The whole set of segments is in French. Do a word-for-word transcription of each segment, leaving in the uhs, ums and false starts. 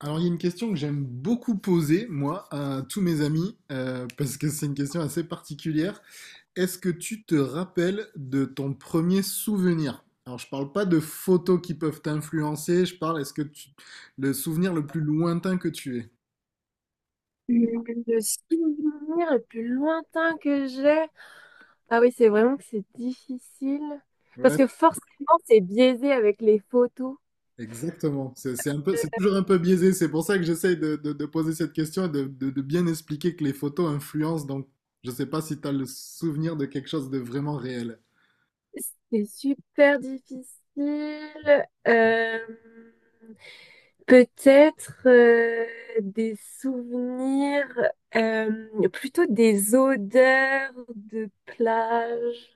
Alors, il y a une question que j'aime beaucoup poser, moi, à tous mes amis, euh, parce que c'est une question assez particulière. Est-ce que tu te rappelles de ton premier souvenir? Alors, je parle pas de photos qui peuvent t'influencer, je parle, est-ce que tu... le souvenir le plus lointain que tu aies? Le souvenir le plus lointain que j'ai. Ah oui, c'est vraiment que c'est difficile. Parce Ouais, que forcément, c'est biaisé avec les photos. exactement. C'est c'est un peu, c'est toujours un peu biaisé, c'est pour ça que j'essaye de, de- de poser cette question et de, de- de bien expliquer que les photos influencent, donc je sais pas si tu as le souvenir de quelque chose de vraiment réel. C'est super difficile. Euh, Peut-être euh, des souvenirs, euh, plutôt des odeurs de plage.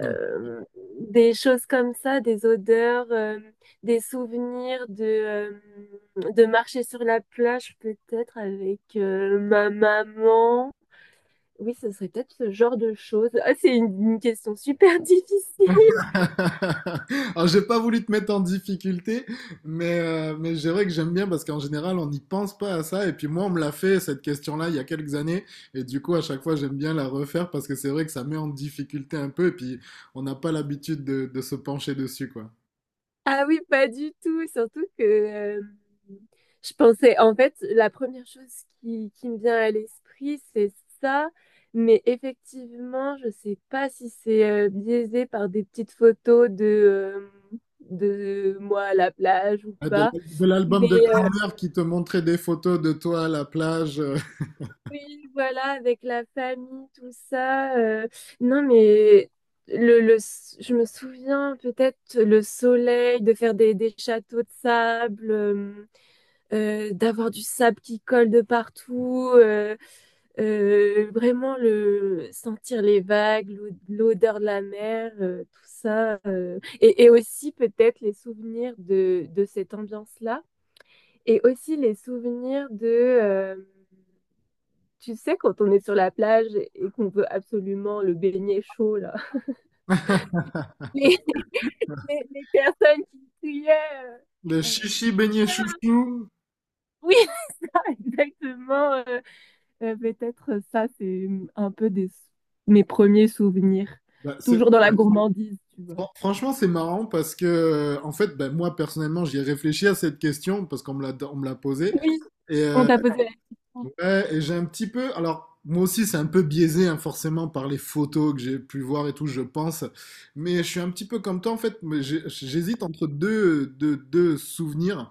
euh, des choses comme ça, des odeurs, euh, des souvenirs de, euh, de marcher sur la plage peut-être avec euh, ma maman. Oui, ce serait peut-être ce genre de choses. Ah, c'est une, une question super difficile. Alors, j'ai pas voulu te mettre en difficulté, mais, euh, mais c'est vrai que j'aime bien parce qu'en général, on n'y pense pas à ça. Et puis moi, on me l'a fait, cette question-là, il y a quelques années. Et du coup, à chaque fois, j'aime bien la refaire parce que c'est vrai que ça met en difficulté un peu. Et puis, on n'a pas l'habitude de, de se pencher dessus, quoi. Ah oui, pas du tout. Surtout que euh, je pensais, en fait, la première chose qui, qui me vient à l'esprit, c'est ça. Mais effectivement, je sais pas si c'est euh, biaisé par des petites photos de, euh, de moi à la plage ou Ah, De pas. l'al- de l'album de Mais euh, grand-mère qui te montrait des photos de toi à la plage, euh, oui, voilà, avec la famille, tout ça. Euh, non, mais le, le, je me souviens peut-être le soleil, de faire des, des châteaux de sable. Euh, euh, d'avoir du sable qui colle de partout, euh, euh, vraiment le sentir les vagues, l'o- l'odeur de la mer, euh, tout ça, euh, et, et aussi peut-être les souvenirs de, de cette ambiance-là, et aussi les souvenirs de, euh, tu sais, quand on est sur la plage et qu'on veut absolument le baigner chaud, là, les, les- les personnes qui criaient. le euh, chichi beignet euh, chouchou. oui, exactement. Euh, Euh, peut-être euh, ça, c'est hum, un peu des, mes premiers souvenirs. Bah, c'est- Toujours dans la gourmandise, tu vois. Fran- Franchement, c'est marrant parce que, euh, en fait, ben, moi personnellement, j'y ai réfléchi à cette question parce qu'on me l'a on me l'a posée. Oui. Et, On euh, t'a posé la question. ouais, et j'ai un petit peu. Alors, moi aussi, c'est un peu biaisé, hein, forcément, par les photos que j'ai pu voir et tout, je pense. Mais je suis un petit peu comme toi, en fait, mais j'ai- j'hésite entre deux, deux, deux souvenirs.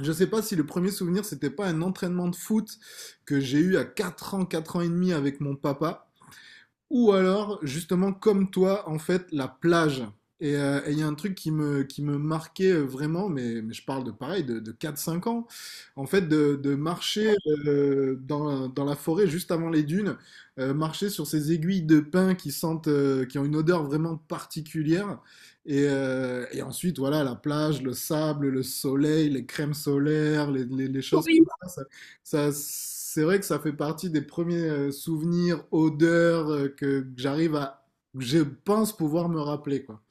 Je sais pas si le premier souvenir, c'était pas un entraînement de foot que j'ai eu à quatre ans, quatre ans et demi avec mon papa. Ou alors, justement, comme toi, en fait, la plage. Et euh, et il y a un truc qui me, qui me marquait euh, vraiment, mais, mais je parle de pareil, de, de quatre cinq ans, en fait, de, de marcher euh, dans, dans la forêt juste avant les dunes, euh, marcher sur ces aiguilles de pin qui sentent, euh, qui ont une odeur vraiment particulière. Et, euh, et ensuite, voilà, la plage, le sable, le soleil, les crèmes solaires, les, les, les choses comme Oui. ça, ça, c'est vrai que ça fait partie des premiers euh, souvenirs, odeurs euh, que que j'arrive à, que je pense pouvoir me rappeler, quoi.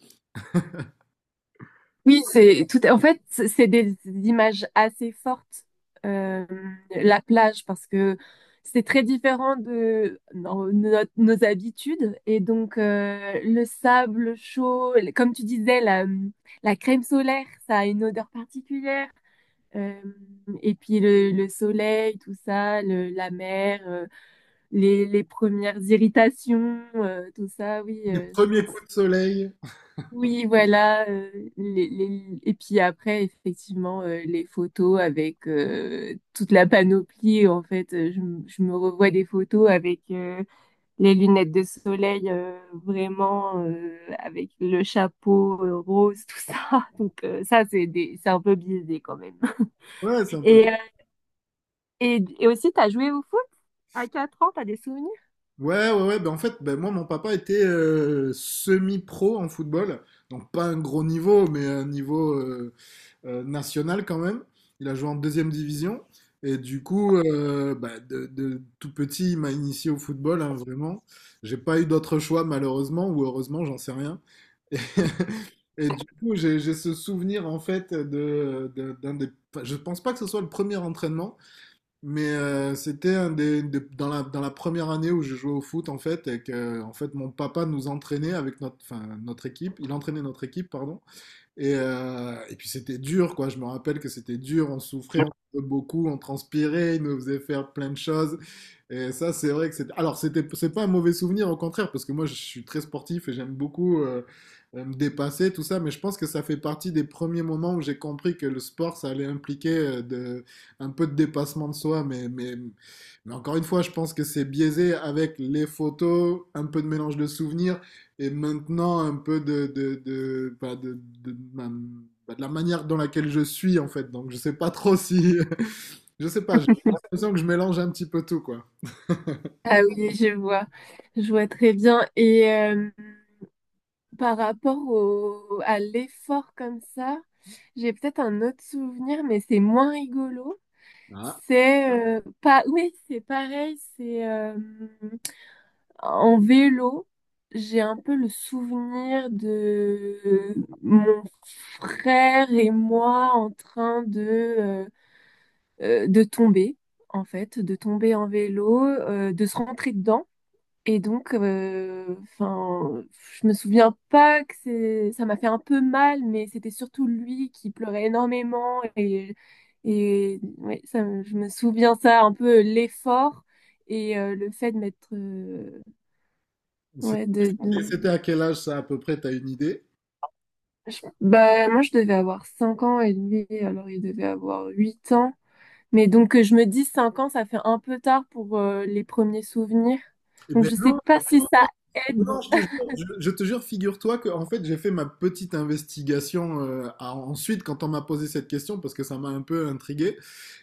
Oui, c'est tout. En fait, c'est c'est des images assez fortes, euh, la plage, parce que c'est très différent de nos, nos- nos habitudes. Et donc, euh, le sable chaud, comme tu disais, la, la crème solaire, ça a une odeur particulière. Euh, et puis le, le soleil, tout ça, le- la mer, euh, les, les premières irritations, euh, tout ça, oui, Les euh, je premiers pense. coups de soleil. Oui, voilà. euh, les, les- Et puis après, effectivement, euh, les photos avec euh, toute la panoplie. En fait, euh, je, m- je me revois des photos avec euh, les lunettes de soleil, euh, vraiment, euh, avec le chapeau euh, rose, tout ça. Donc euh, ça, c'est des c'est un peu biaisé quand même. Ouais, c'est un peu. Et, et aussi, t'as joué au foot à quatre ans, t'as des souvenirs? Ouais, ouais, ouais. Ben, en fait, ben, moi, mon papa était euh, semi-pro en football. Donc, pas un gros niveau, mais un niveau euh, euh, national quand même. Il a joué en deuxième division. Et du coup, euh, bah, de, de tout petit, il m'a initié au football, hein, vraiment. J'ai pas eu d'autre choix, malheureusement, ou heureusement, j'en sais rien. Et du coup, j'ai j'ai ce souvenir en fait de, de- d'un des. Enfin, je pense pas que ce soit le premier entraînement, mais euh, c'était un des, des- dans la, dans la première année où je jouais au foot en fait, et que en fait mon papa nous entraînait avec notre, enfin, notre équipe. Il entraînait notre équipe, pardon. Et, euh, et puis c'était dur quoi. Je me rappelle que c'était dur. On souffrait, on souffrait beaucoup, on transpirait, il nous faisait faire plein de choses. Et ça, c'est vrai que c'est. Alors, c'était, c'est pas un mauvais souvenir, au contraire, parce que moi, je suis très sportif et j'aime beaucoup euh, euh, me dépasser, tout ça. Mais je pense que ça fait partie des premiers moments où j'ai compris que le sport, ça allait impliquer euh, de, un peu de dépassement de soi. Mais, mais, mais encore une fois, je pense que c'est biaisé avec les photos, un peu de mélange de souvenirs et maintenant un peu de, de, de, bah, de, de, de ma- bah, de la manière dans laquelle je suis, en fait. Donc, je sais pas trop si. Je sais pas, j'ai l'impression que je mélange un petit peu tout, quoi. Ah oui, je vois, je vois très bien. Et euh, par rapport au, à l'effort comme ça, j'ai peut-être un autre souvenir, mais c'est moins rigolo. Ah. C'est euh, pas, oui, c'est pareil, c'est euh, en vélo. J'ai un peu le souvenir de mon frère et moi en train de euh, euh, de tomber, en fait, de tomber en vélo, euh, de se rentrer dedans. Et donc, euh, enfin, je me souviens pas que c'est, ça m'a fait un peu mal, mais c'était surtout lui qui pleurait énormément. Et, et ouais, ça, me- je me souviens ça, un peu l'effort et euh, le fait de m'être. Euh, ouais, de, C'était de- c'était à quel âge ça à peu près, t'as une idée? je- bah, moi, je devais avoir cinq ans et lui, alors il devait avoir huit ans. Mais donc, euh, je me dis, cinq ans, ça fait un peu tard pour euh, les premiers souvenirs. Eh Donc, ben je sais non. pas si ça aide. Non, je te jure, je, je te jure, figure-toi que en fait j'ai fait ma petite investigation euh, à- ensuite quand on m'a posé cette question parce que ça m'a un peu intrigué.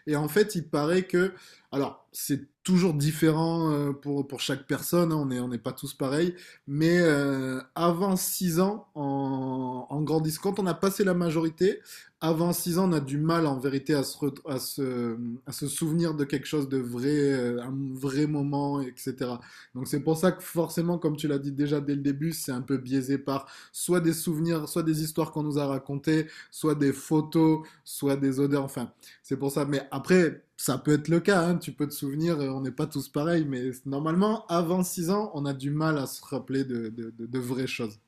Et en fait, il paraît que, alors c'est toujours différent euh, pour, pour chaque personne, hein, on est, on n'est pas tous pareils, mais euh, avant six ans, en, en grandissant, quand on a passé la majorité, avant six ans, on a du mal en vérité à se, re- à se, à se souvenir de quelque chose de vrai, euh, un vrai moment, et cætera. Donc c'est pour ça que forcément, comme tu l'as dit déjà dès le début, c'est un peu biaisé par soit des souvenirs, soit des histoires qu'on nous a racontées, soit des photos, soit des odeurs, enfin, c'est pour ça. Mais après, ça peut être le cas, hein, tu peux te souvenir, euh, on n'est pas tous pareils, mais normalement, avant six ans, on a du mal à se rappeler de, de- de- de vraies choses.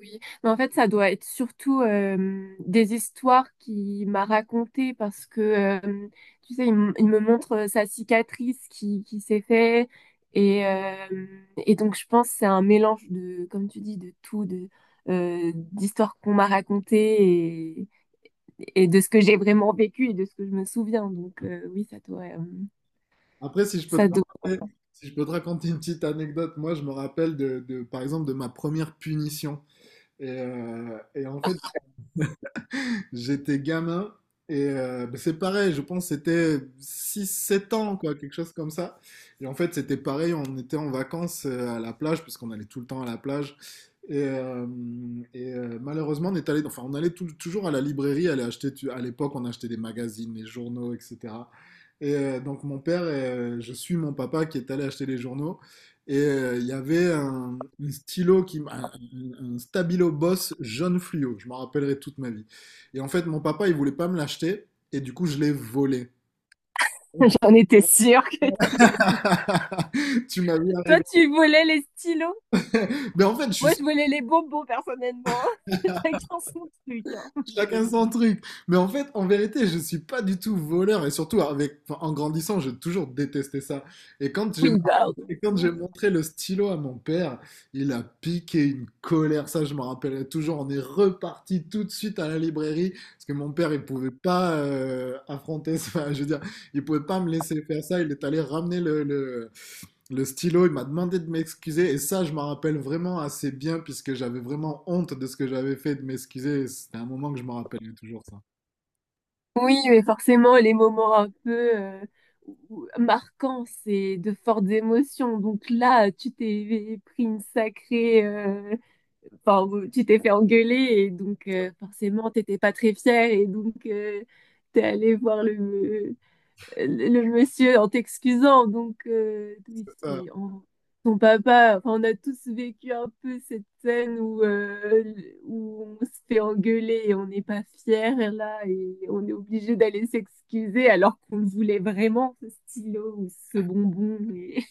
Oui. Mais en fait, ça doit être surtout euh, des histoires qu'il m'a racontées parce que, euh, tu sais, il, m- il me montre euh, sa cicatrice qui, qui s'est fait. Et, euh, et donc, je pense que c'est un mélange de, comme tu dis, de tout, de, euh, d'histoires qu'on m'a racontées et, et de ce que j'ai vraiment vécu et de ce que je me souviens. Donc, euh, oui, ça doit, euh, Après, si je peux te ça doit. raconter, si je peux te raconter une petite anecdote, moi je me rappelle de, de- par exemple de ma première punition. Et, euh, et en fait, j'étais gamin et euh, bah, c'est pareil, je pense que c'était six sept ans, quoi, quelque chose comme ça. Et en fait, c'était pareil, on était en vacances euh, à la plage, puisqu'on allait tout le temps à la plage. Et, euh, et, euh, malheureusement, on est allé, enfin, on allait tout- toujours à la librairie, aller acheter, tu- à l'époque, on achetait des magazines, des journaux, et cætera. Et euh, donc, mon père, euh, je suis mon papa qui est allé acheter les journaux. Et euh, il y avait un, un stylo, qui, m- un, un- un Stabilo Boss jaune fluo, je m'en rappellerai toute ma vie. Et en fait, mon papa, il voulait pas me l'acheter. Et du coup, je l'ai volé. J'en étais sûre que t'allais dire. Tu m'as vu Toi, arriver. tu volais les stylos. Mais en fait, je suis Moi, je volais les bonbons, personnellement. Chacun son truc, hein. chacun Mais- son truc. Mais en fait, en vérité, je suis pas du tout voleur. Et surtout, avec, enfin, en grandissant, j'ai toujours détesté ça. Et quand j'ai Oui, bah, et quand j'ai montré le stylo à mon père, il a piqué une colère, ça je me rappellerai toujours. On est reparti tout de suite à la librairie parce que mon père il pouvait pas euh, affronter ça, je veux dire, il pouvait pas me laisser faire ça. Il est allé ramener le, le- le stylo, il m'a demandé de m'excuser et ça, je m'en rappelle vraiment assez bien puisque j'avais vraiment honte de ce que j'avais fait de m'excuser. Et c'était un moment que je m'en rappelle toujours ça. oui, mais forcément, les moments un peu euh, où- marquants, c'est de fortes émotions. Donc là, tu t'es pris une sacrée euh, enfin, tu t'es fait engueuler et donc euh, forcément, t'étais pas très fière et donc euh, t'es allé voir le, le monsieur en t'excusant. Donc, euh, oui, Ça. c'est- on- son papa, enfin, on a tous vécu un peu cette scène où, euh, où on se fait engueuler et on n'est pas fier et là et on est obligé d'aller s'excuser alors qu'on le voulait vraiment, ce stylo ou ce bonbon. Et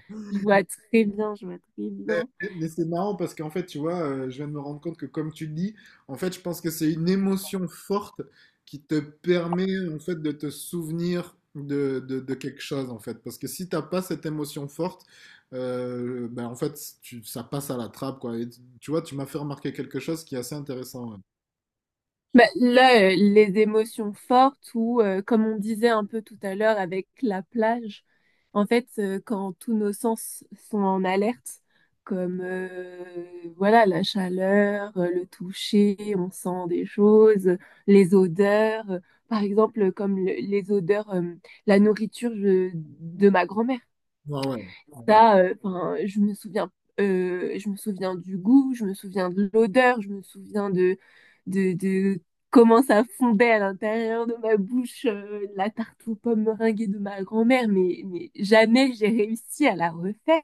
je vois très bien, je vois très Eh, bien. eh, mais c'est marrant parce qu'en fait, tu vois, euh, je viens de me rendre compte que comme tu le dis, en fait, je pense que c'est une émotion forte qui te permet en fait de te souvenir de, de- de quelque chose en fait. Parce que si t'as pas cette émotion forte, euh, ben en fait, tu- ça passe à la trappe quoi. Et tu tu vois, tu m'as fait remarquer quelque chose qui est assez intéressant. Ouais. Bah, là, euh, les émotions fortes ou euh, comme on disait un peu tout à l'heure avec la plage, en fait, euh, quand tous nos sens sont en alerte, comme euh, voilà la chaleur, euh, le toucher, on sent des choses, les odeurs, euh, par exemple comme le- les odeurs, euh, la nourriture je- de ma grand-mère. Ouais, ouais. Ouais. Ça, euh, 'fin, je me souviens, euh, je me souviens du goût, je me souviens de l'odeur, je me souviens de, de, de comment ça fondait à l'intérieur de ma bouche, euh, la tarte aux pommes meringuée de ma grand-mère, mais, mais jamais j'ai réussi à la refaire.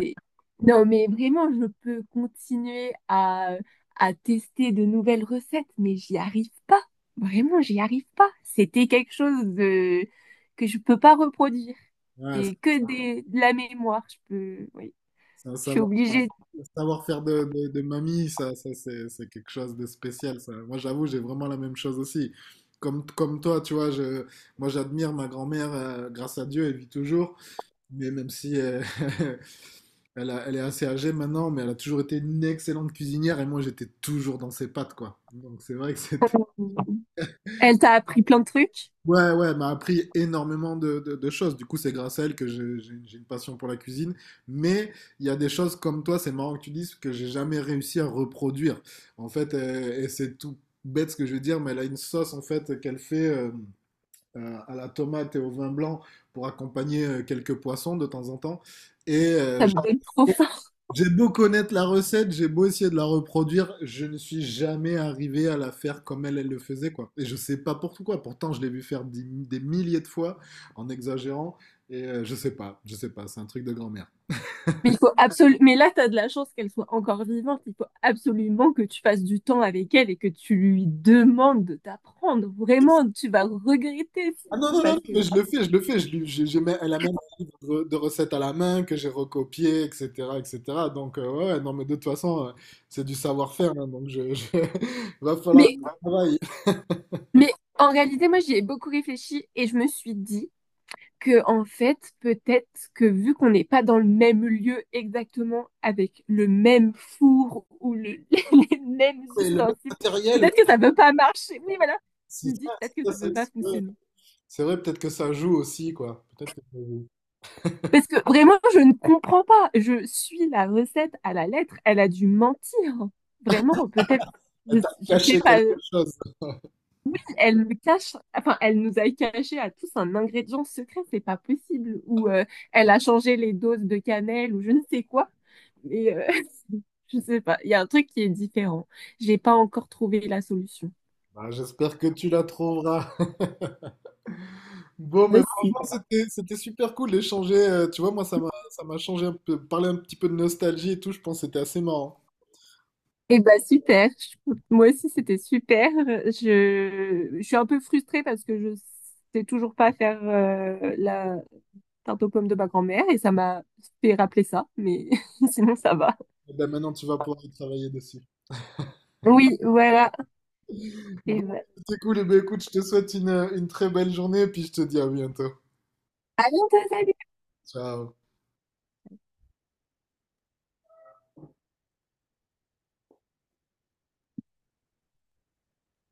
Et non, mais vraiment, je peux continuer à, à tester de nouvelles recettes, mais j'y arrive pas. Vraiment, j'y arrive pas. C'était quelque chose de... que je peux pas reproduire. Ouais, ouais. Et que des, de la mémoire, je peux, oui, C'est un je suis savoir, obligée. un savoir-faire de, de, de mamie, ça, ça c'est c'est quelque chose de spécial. Ça. Moi, j'avoue, j'ai vraiment la même chose aussi. Comme, comme toi, tu vois, je, moi, j'admire ma grand-mère, euh, grâce à Dieu, elle vit toujours. Mais même si euh, elle a- elle est assez âgée maintenant, mais elle a toujours été une excellente cuisinière et moi, j'étais toujours dans ses pattes, quoi. Donc, c'est vrai que c'était. Elle t'a appris plein de trucs. Ouais, ouais, elle m'a appris énormément de, de- de choses. Du coup, c'est grâce à elle que j'ai j'ai- j'ai une passion pour la cuisine. Mais il y a des choses comme toi, c'est marrant que tu dises, que j'ai jamais réussi à reproduire. En fait, euh, et c'est tout bête ce que je veux dire, mais elle a une sauce en fait qu'elle fait euh, euh, à la tomate et au vin blanc pour accompagner euh, quelques poissons de temps en temps. Et euh, Ça me donne trop faim. j'ai beau connaître la recette, j'ai beau essayer de la reproduire, je ne suis jamais arrivé à la faire comme elle, elle le faisait, quoi. Et je sais pas pourquoi. Pourtant, je l'ai vu faire des, des milliers de fois en exagérant. Et euh, je sais pas, je sais pas, c'est un truc de grand-mère. Mais il faut absolument. Mais là, t'as de la chance qu'elle soit encore vivante. Il faut absolument que tu passes du temps avec elle et que tu lui demandes de t'apprendre. Vraiment, tu vas regretter Ah non, sinon non, non, non, parce mais que. je le fais, je le fais. Je, lui- j'ai- j'ai même- Elle a même un livre de, de recettes à la main que j'ai recopié, et cætera, et cætera. Donc, euh, ouais, ouais, non, mais de toute façon, euh, c'est du savoir-faire, hein, donc, je, je- va falloir Mais, travailler. mais en réalité, moi, j'y ai beaucoup réfléchi et je me suis dit que en fait, peut-être que vu qu'on n'est pas dans le même lieu exactement avec le même four ou le- les mêmes Et le même ustensiles, matériel, ouais, peut-être que ça ne peut pas marcher. Oui, voilà. Je c'est me dis ça, peut-être que c'est ça ne ça, peut c'est pas ça. fonctionner. C'est vrai, peut-être que ça joue aussi, quoi. Peut-être que ça joue. Parce que vraiment, je ne comprends pas. Je suis la recette à la lettre. Elle a dû mentir. Vraiment, peut-être, Elle je, t'a je sais caché pas. quelque chose. Elle me cache, enfin, elle nous a caché à tous un ingrédient secret. C'est pas possible. Ou euh, elle a changé les doses de cannelle ou je ne sais quoi. Mais euh, je sais pas. Il y a un truc qui est différent. J'ai pas encore trouvé la solution. Bah, j'espère que tu la trouveras. Bon, mais Aussi. franchement, c'était, c'était super cool d'échanger. Euh, tu vois, moi, ça m'a, ça m'a changé un peu. Parler un petit peu de nostalgie et tout, je pense que c'était assez marrant. Eh ben super. Je- Moi aussi c'était super. Je, je suis un peu frustrée parce que je sais toujours pas faire euh, la tarte aux pommes de ma grand-mère et ça m'a fait rappeler ça, mais sinon ça va. Et ben, maintenant, tu vas pouvoir y travailler dessus. Oui, voilà. Et Bon, ben, c'était cool. Et ben, écoute, je te souhaite une, une très belle journée et puis je te dis à bientôt. à bientôt, salut! Ciao.